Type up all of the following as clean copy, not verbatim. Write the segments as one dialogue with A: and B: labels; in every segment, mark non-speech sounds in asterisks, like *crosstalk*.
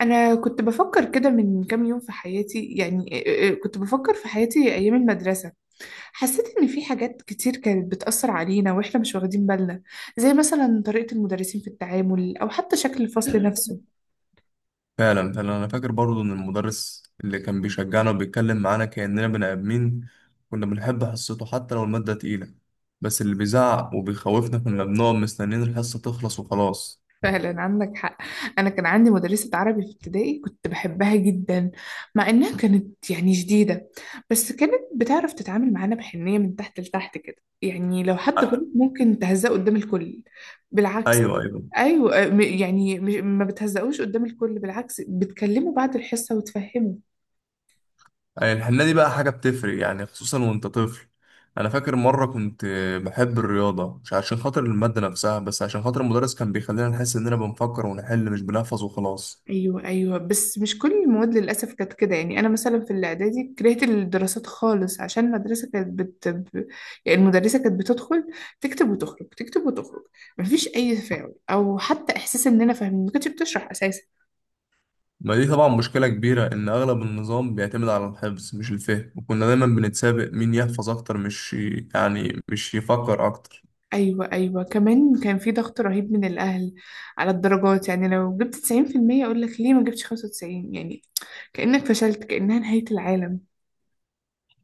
A: أنا كنت بفكر كده من كام يوم في حياتي، يعني كنت بفكر في حياتي أيام المدرسة. حسيت إن في حاجات كتير كانت بتأثر علينا وإحنا مش واخدين بالنا، زي مثلا طريقة المدرسين في التعامل أو حتى شكل الفصل نفسه.
B: فعلا فعلا انا فاكر برضو ان المدرس اللي كان بيشجعنا وبيتكلم معانا كأننا بني ادمين. كنا بنحب حصته حتى لو المادة تقيلة، بس اللي بيزعق وبيخوفنا كنا بنقعد مستنيين الحصة تخلص وخلاص.
A: *laughs* فعلا عندك حق. أنا كان عندي مدرسة عربي في ابتدائي كنت بحبها جدا، مع إنها كانت يعني شديدة. بس كانت بتعرف تتعامل معانا بحنية من تحت لتحت كده. يعني لو حد
B: ع-
A: غلط ممكن تهزأه قدام الكل؟ بالعكس.
B: ايوه ايوه.
A: ايوه، آه، ما بتهزقوش قدام الكل، بالعكس بتكلموا بعد الحصه وتفهموا.
B: أي الحنة دي بقى حاجة بتفرق يعني خصوصا وانت طفل. انا فاكر مرة كنت بحب الرياضة مش عشان خاطر المادة نفسها، بس عشان خاطر المدرس كان بيخلينا نحس اننا بنفكر ونحل مش بنحفظ وخلاص.
A: ايوه ايوه، بس مش كل المواد للاسف كانت كده. يعني انا مثلا في الاعدادي كرهت الدراسات خالص عشان المدرسه يعني المدرسه كانت بتدخل، تكتب وتخرج، تكتب وتخرج، مفيش اي تفاعل او حتى احساس اننا فاهمين، ما كانتش بتشرح اساسا.
B: ما دي طبعا مشكلة كبيرة إن أغلب النظام بيعتمد على الحفظ مش الفهم، وكنا دايما بنتسابق مين يحفظ أكتر مش يعني مش يفكر أكتر.
A: ايوه ايوه، كمان كان في ضغط رهيب من الاهل على الدرجات. يعني لو جبت 90% اقول لك ليه ما جبتش 95؟ يعني كانك فشلت، كانها نهايه العالم.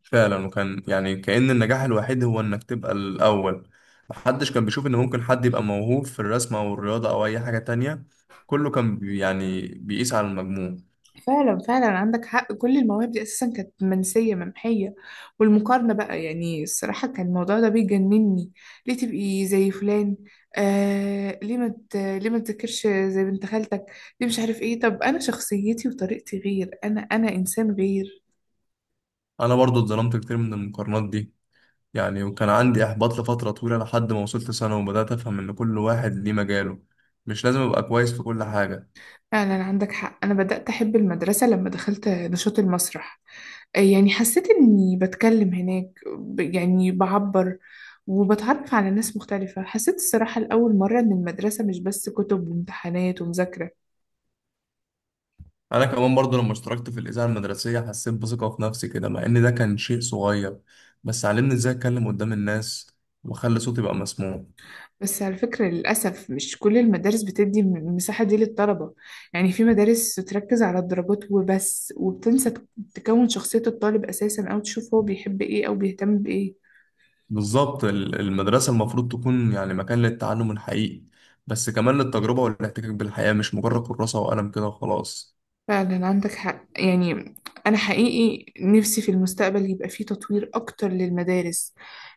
B: فعلا، وكان يعني كأن النجاح الوحيد هو إنك تبقى الأول. محدش كان بيشوف إن ممكن حد يبقى موهوب في الرسم أو الرياضة أو أي حاجة تانية، كله كان يعني بيقيس على المجموع.
A: فعلا فعلا عندك حق، كل المواهب دي اساسا كانت منسيه ممحيه. والمقارنه بقى، يعني الصراحه كان الموضوع ده بيجنني. ليه تبقي زي فلان؟ آه، ليه ما تذاكرش زي بنت خالتك؟ ليه؟ مش عارف ايه. طب انا شخصيتي وطريقتي غير، انا انسان غير.
B: أنا برضو اتظلمت كتير من المقارنات دي، يعني وكان عندي إحباط لفترة طويلة لحد ما وصلت سنة وبدأت أفهم إن كل واحد ليه مجاله، مش لازم أبقى كويس في كل حاجة.
A: فعلا عندك حق، انا بدات احب المدرسه لما دخلت نشاط المسرح. يعني حسيت إني بتكلم هناك، يعني بعبر وبتعرف على ناس مختلفة. حسيت الصراحة لأول مرة إن المدرسة مش بس كتب وامتحانات ومذاكرة.
B: انا كمان برضو لما اشتركت في الاذاعه المدرسيه حسيت بثقه في نفسي كده، مع ان ده كان شيء صغير، بس علمني ازاي اتكلم قدام الناس واخلي صوتي يبقى مسموع.
A: بس على فكرة، للأسف مش كل المدارس بتدي المساحة دي للطلبة. يعني في مدارس تركز على الدرجات وبس وبتنسى تكون شخصية الطالب أساسا، أو تشوف هو بيحب إيه أو بيهتم بإيه.
B: بالظبط، المدرسه المفروض تكون يعني مكان للتعلم الحقيقي، بس كمان للتجربه والاحتكاك بالحياه، مش مجرد كراسه وقلم كده وخلاص.
A: فعلا عندك حق يعني. أنا حقيقي نفسي في المستقبل يبقى فيه تطوير أكتر للمدارس،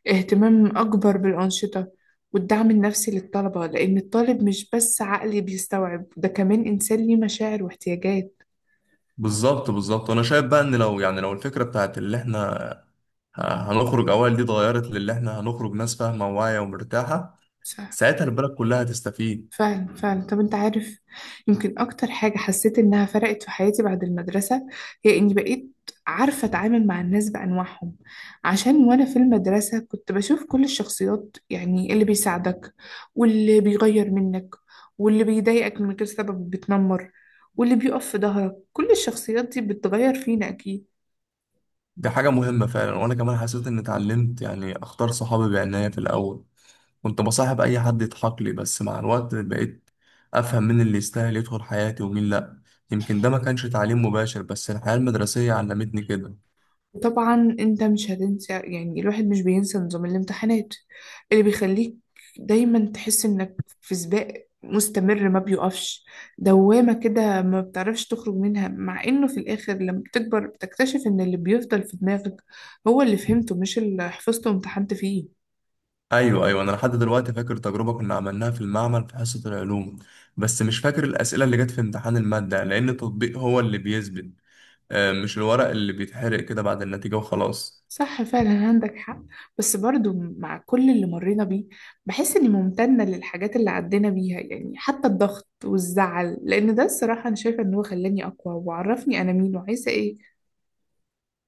A: اهتمام أكبر بالأنشطة والدعم النفسي للطلبة، لأن الطالب مش بس عقلي بيستوعب، ده كمان إنسان ليه مشاعر واحتياجات.
B: بالظبط بالظبط، وانا شايف بقى ان لو يعني لو الفكره بتاعت اللي احنا ه- هنخرج اوائل دي اتغيرت للي احنا هنخرج ناس فاهمه وواعيه ومرتاحه،
A: صح.
B: ساعتها البلد كلها هتستفيد.
A: فعلا فعلا. طب انت عارف، يمكن اكتر حاجة حسيت انها فرقت في حياتي بعد المدرسة هي اني بقيت عارفة اتعامل مع الناس بانواعهم. عشان وانا في المدرسة كنت بشوف كل الشخصيات، يعني اللي بيساعدك، واللي بيغير منك، واللي بيضايقك من غير سبب بتنمر، واللي بيقف في ظهرك. كل الشخصيات دي بتغير فينا اكيد.
B: دي حاجة مهمة فعلا، وأنا كمان حسيت إني اتعلمت يعني أختار صحابي بعناية. في الأول كنت بصاحب أي حد يضحك لي، بس مع الوقت بقيت أفهم مين اللي يستاهل يدخل حياتي ومين لأ. يمكن ده ما كانش تعليم مباشر بس الحياة المدرسية علمتني كده.
A: طبعا انت مش هتنسى، يعني الواحد مش بينسى نظام الامتحانات اللي بيخليك دايما تحس انك في سباق مستمر ما بيقفش، دوامة كده ما بتعرفش تخرج منها. مع انه في الاخر لما بتكبر بتكتشف ان اللي بيفضل في دماغك هو اللي فهمته، مش اللي حفظته وامتحنت فيه.
B: أيوة أيوة، أنا لحد دلوقتي فاكر تجربة كنا عملناها في المعمل في حصة العلوم، بس مش فاكر الأسئلة اللي جت في امتحان المادة، لأن التطبيق هو اللي بيثبت، مش الورق اللي بيتحرق كده بعد النتيجة وخلاص.
A: صح فعلا عندك حق. بس برضو مع كل اللي مرينا بيه بحس اني ممتنة للحاجات اللي عدينا بيها، يعني حتى الضغط والزعل، لان ده الصراحة انا شايفة ان هو خلاني اقوى وعرفني انا مين وعايزة ايه.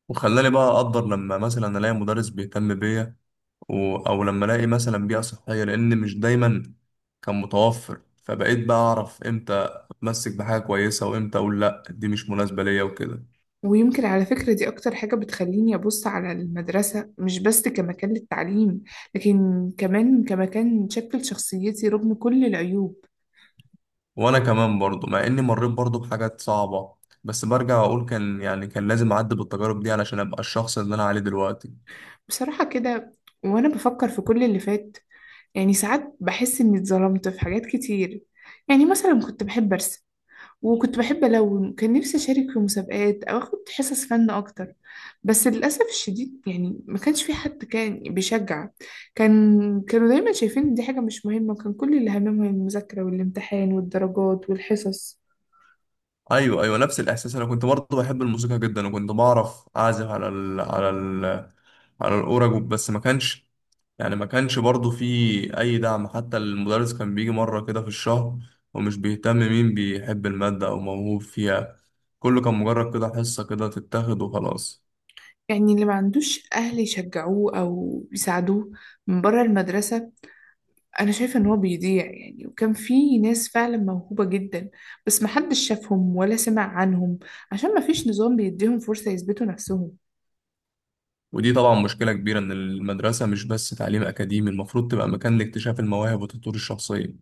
B: وخلاني بقى أقدر لما مثلا ألاقي مدرس بيهتم بيا او لما الاقي مثلا بيئه صحيه، لان مش دايما كان متوفر، فبقيت بقى اعرف امتى اتمسك بحاجه كويسه وامتى اقول لا دي مش مناسبه ليا وكده.
A: ويمكن على فكرة دي اكتر حاجة بتخليني ابص على المدرسة مش بس كمكان للتعليم، لكن كمان كمكان شكل شخصيتي رغم كل العيوب.
B: وانا كمان برضو مع اني مريت برضو بحاجات صعبه، بس برجع اقول كان يعني كان لازم اعدي بالتجارب دي علشان ابقى الشخص اللي انا عليه دلوقتي.
A: بصراحة كده، وانا بفكر في كل اللي فات، يعني ساعات بحس اني اتظلمت في حاجات كتير. يعني مثلا كنت بحب ارسم وكنت بحب ألون، كان نفسي أشارك في مسابقات أو أخد حصص فن أكتر. بس للأسف الشديد، يعني ما كانش في حد كان بيشجع. كان كانوا دايما شايفين إن دي حاجة مش مهمة، كان كل اللي هممهم المذاكرة والامتحان والدرجات والحصص.
B: ايوه ايوه، نفس الاحساس. انا كنت برضه بحب الموسيقى جدا، وكنت بعرف اعزف على الاورج، بس ما كانش برضه في اي دعم. حتى المدرس كان بيجي مره كده في الشهر، ومش بيهتم مين بيحب الماده او موهوب فيها، كله كان مجرد كده حصه كده تتاخد وخلاص.
A: يعني اللي ما عندوش أهل يشجعوه أو يساعدوه من بره المدرسة أنا شايفة إن هو بيضيع. يعني وكان في ناس فعلا موهوبة جدا بس محدش شافهم ولا سمع عنهم، عشان مفيش نظام بيديهم فرصة يثبتوا نفسهم.
B: ودي طبعا مشكله كبيره ان المدرسه مش بس تعليم اكاديمي، المفروض تبقى مكان لاكتشاف المواهب والتطوير الشخصيه.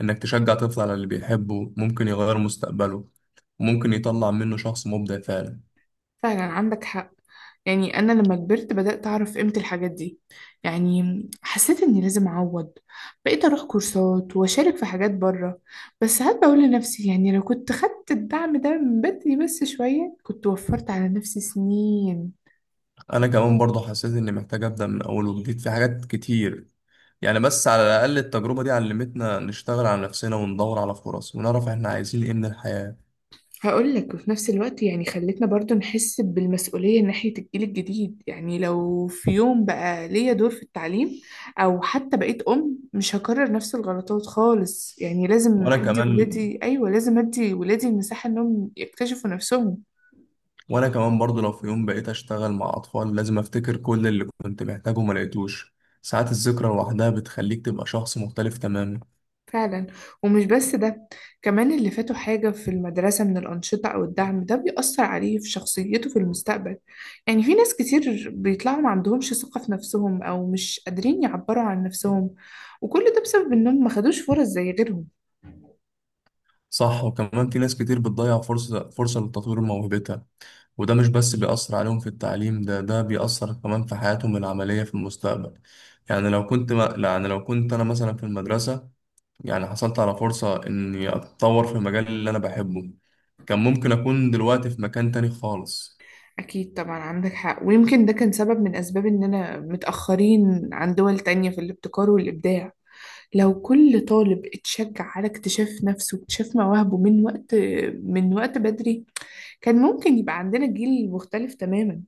B: انك تشجع طفل على اللي بيحبه ممكن يغير مستقبله، ممكن يطلع منه شخص مبدع فعلا.
A: فعلا عندك حق. يعني أنا لما كبرت بدأت أعرف قيمة الحاجات دي. يعني حسيت إني لازم أعوض، بقيت أروح كورسات وأشارك في حاجات بره. بس ساعات بقول لنفسي، يعني لو كنت خدت الدعم ده من بدري بس شوية كنت وفرت على نفسي سنين.
B: انا كمان برضه حسيت اني محتاج ابدا من اول وجديد في حاجات كتير، يعني بس على الاقل التجربه دي علمتنا نشتغل على نفسنا وندور على فرص ونعرف احنا عايزين ايه من الحياه.
A: هقول لك، وفي نفس الوقت يعني خلتنا برضو نحس بالمسؤولية ناحية الجيل الجديد. يعني لو في يوم بقى ليا دور في التعليم أو حتى بقيت أم مش هكرر نفس الغلطات خالص. يعني لازم
B: وانا
A: أدي
B: كمان
A: ولادي، أيوة، لازم أدي ولادي المساحة إنهم يكتشفوا نفسهم.
B: وانا كمان برضه لو في يوم بقيت اشتغل مع اطفال لازم افتكر كل اللي كنت محتاجه وما لقيتوش، ساعات الذكرى لوحدها بتخليك تبقى شخص مختلف تماما.
A: فعلا. ومش بس ده، كمان اللي فاته حاجة في المدرسة من الأنشطة أو الدعم ده بيأثر عليه في شخصيته في المستقبل. يعني في ناس كتير بيطلعوا ما عندهمش ثقة في نفسهم أو مش قادرين يعبروا عن نفسهم، وكل ده بسبب إنهم ما خدوش فرص زي غيرهم.
B: صح، وكمان في ناس كتير بتضيع فرصه لتطوير موهبتها، وده مش بس بيأثر عليهم في التعليم، ده بيأثر كمان في حياتهم العملية في المستقبل. يعني لو كنت ما يعني لو كنت أنا مثلا في المدرسة يعني حصلت على فرصة إني أتطور في المجال اللي أنا بحبه، كان ممكن أكون دلوقتي في مكان تاني خالص.
A: أكيد طبعا عندك حق. ويمكن ده كان سبب من أسباب إننا متأخرين عن دول تانية في الابتكار والإبداع. لو كل طالب اتشجع على اكتشاف نفسه واكتشاف مواهبه من وقت بدري، كان ممكن يبقى عندنا جيل مختلف تماما.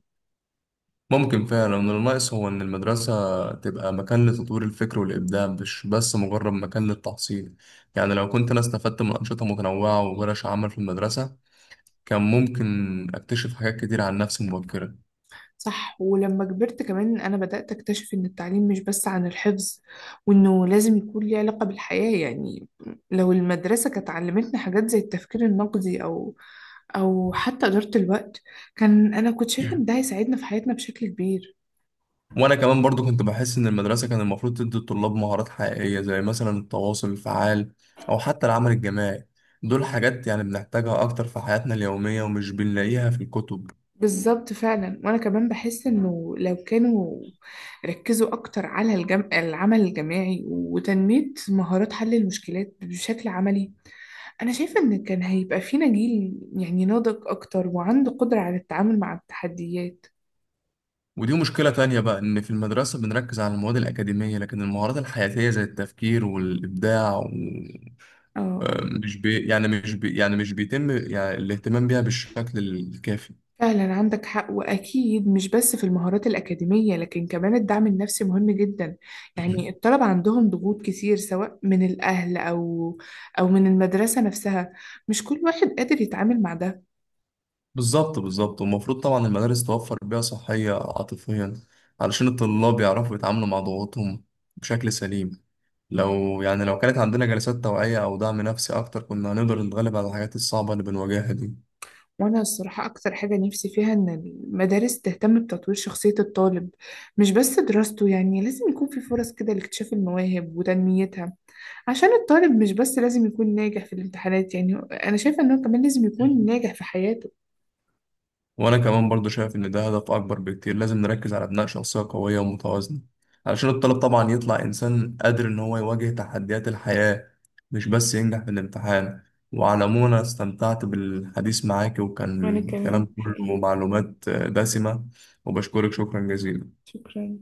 B: ممكن فعلا إن الناقص هو إن المدرسة تبقى مكان لتطوير الفكر والإبداع مش بس مجرد مكان للتحصيل. يعني لو كنت أنا استفدت من أنشطة متنوعة وورش عمل في المدرسة، كان ممكن أكتشف حاجات كتير عن نفسي مبكرا.
A: صح. ولما كبرت كمان أنا بدأت أكتشف إن التعليم مش بس عن الحفظ، وإنه لازم يكون ليه علاقة بالحياة. يعني لو المدرسة كانت علمتنا حاجات زي التفكير النقدي أو حتى إدارة الوقت، أنا كنت شايفة إن ده هيساعدنا في حياتنا بشكل كبير.
B: وانا كمان برضو كنت بحس ان المدرسه كان المفروض تدي الطلاب مهارات حقيقيه زي مثلا التواصل الفعال او حتى العمل الجماعي، دول حاجات يعني بنحتاجها اكتر في حياتنا اليوميه ومش بنلاقيها في الكتب.
A: بالظبط فعلا. وأنا كمان بحس إنه لو كانوا ركزوا أكتر على العمل الجماعي وتنمية مهارات حل المشكلات بشكل عملي، أنا شايفة إن كان هيبقى فينا جيل يعني ناضج أكتر وعنده قدرة على التعامل مع التحديات.
B: ودي مشكله تانية بقى، ان في المدرسه بنركز على المواد الاكاديميه لكن المهارات الحياتيه زي التفكير والابداع
A: اه، آه.
B: مش بيتم يعني الاهتمام بيها بالشكل الكافي.
A: فعلا عندك حق، وأكيد مش بس في المهارات الأكاديمية، لكن كمان الدعم النفسي مهم جدا. يعني الطلبة عندهم ضغوط كتير سواء من الأهل أو من المدرسة نفسها، مش كل واحد قادر يتعامل مع ده.
B: بالظبط بالظبط، والمفروض طبعا المدارس توفر بيئة صحية عاطفيا علشان الطلاب يعرفوا يتعاملوا مع ضغوطهم بشكل سليم. لو يعني لو كانت عندنا جلسات توعية أو دعم نفسي أكتر كنا هنقدر نتغلب على الحاجات الصعبة اللي بنواجهها دي.
A: وأنا الصراحة أكتر حاجة نفسي فيها إن المدارس تهتم بتطوير شخصية الطالب مش بس دراسته. يعني لازم يكون في فرص كده لاكتشاف المواهب وتنميتها، عشان الطالب مش بس لازم يكون ناجح في الامتحانات. يعني أنا شايفة إنه كمان لازم يكون ناجح في حياته.
B: وأنا كمان برضو شايف إن ده هدف أكبر بكتير، لازم نركز على بناء شخصية قوية ومتوازنة، علشان الطالب طبعا يطلع إنسان قادر إن هو يواجه تحديات الحياة، مش بس ينجح في الامتحان. وعلى العموم أنا استمتعت بالحديث معاك،
A: وأنا
B: وكان
A: كمان
B: كلام كله
A: حقيقي.
B: معلومات دسمة، وبشكرك شكرا جزيلا.
A: شكرا.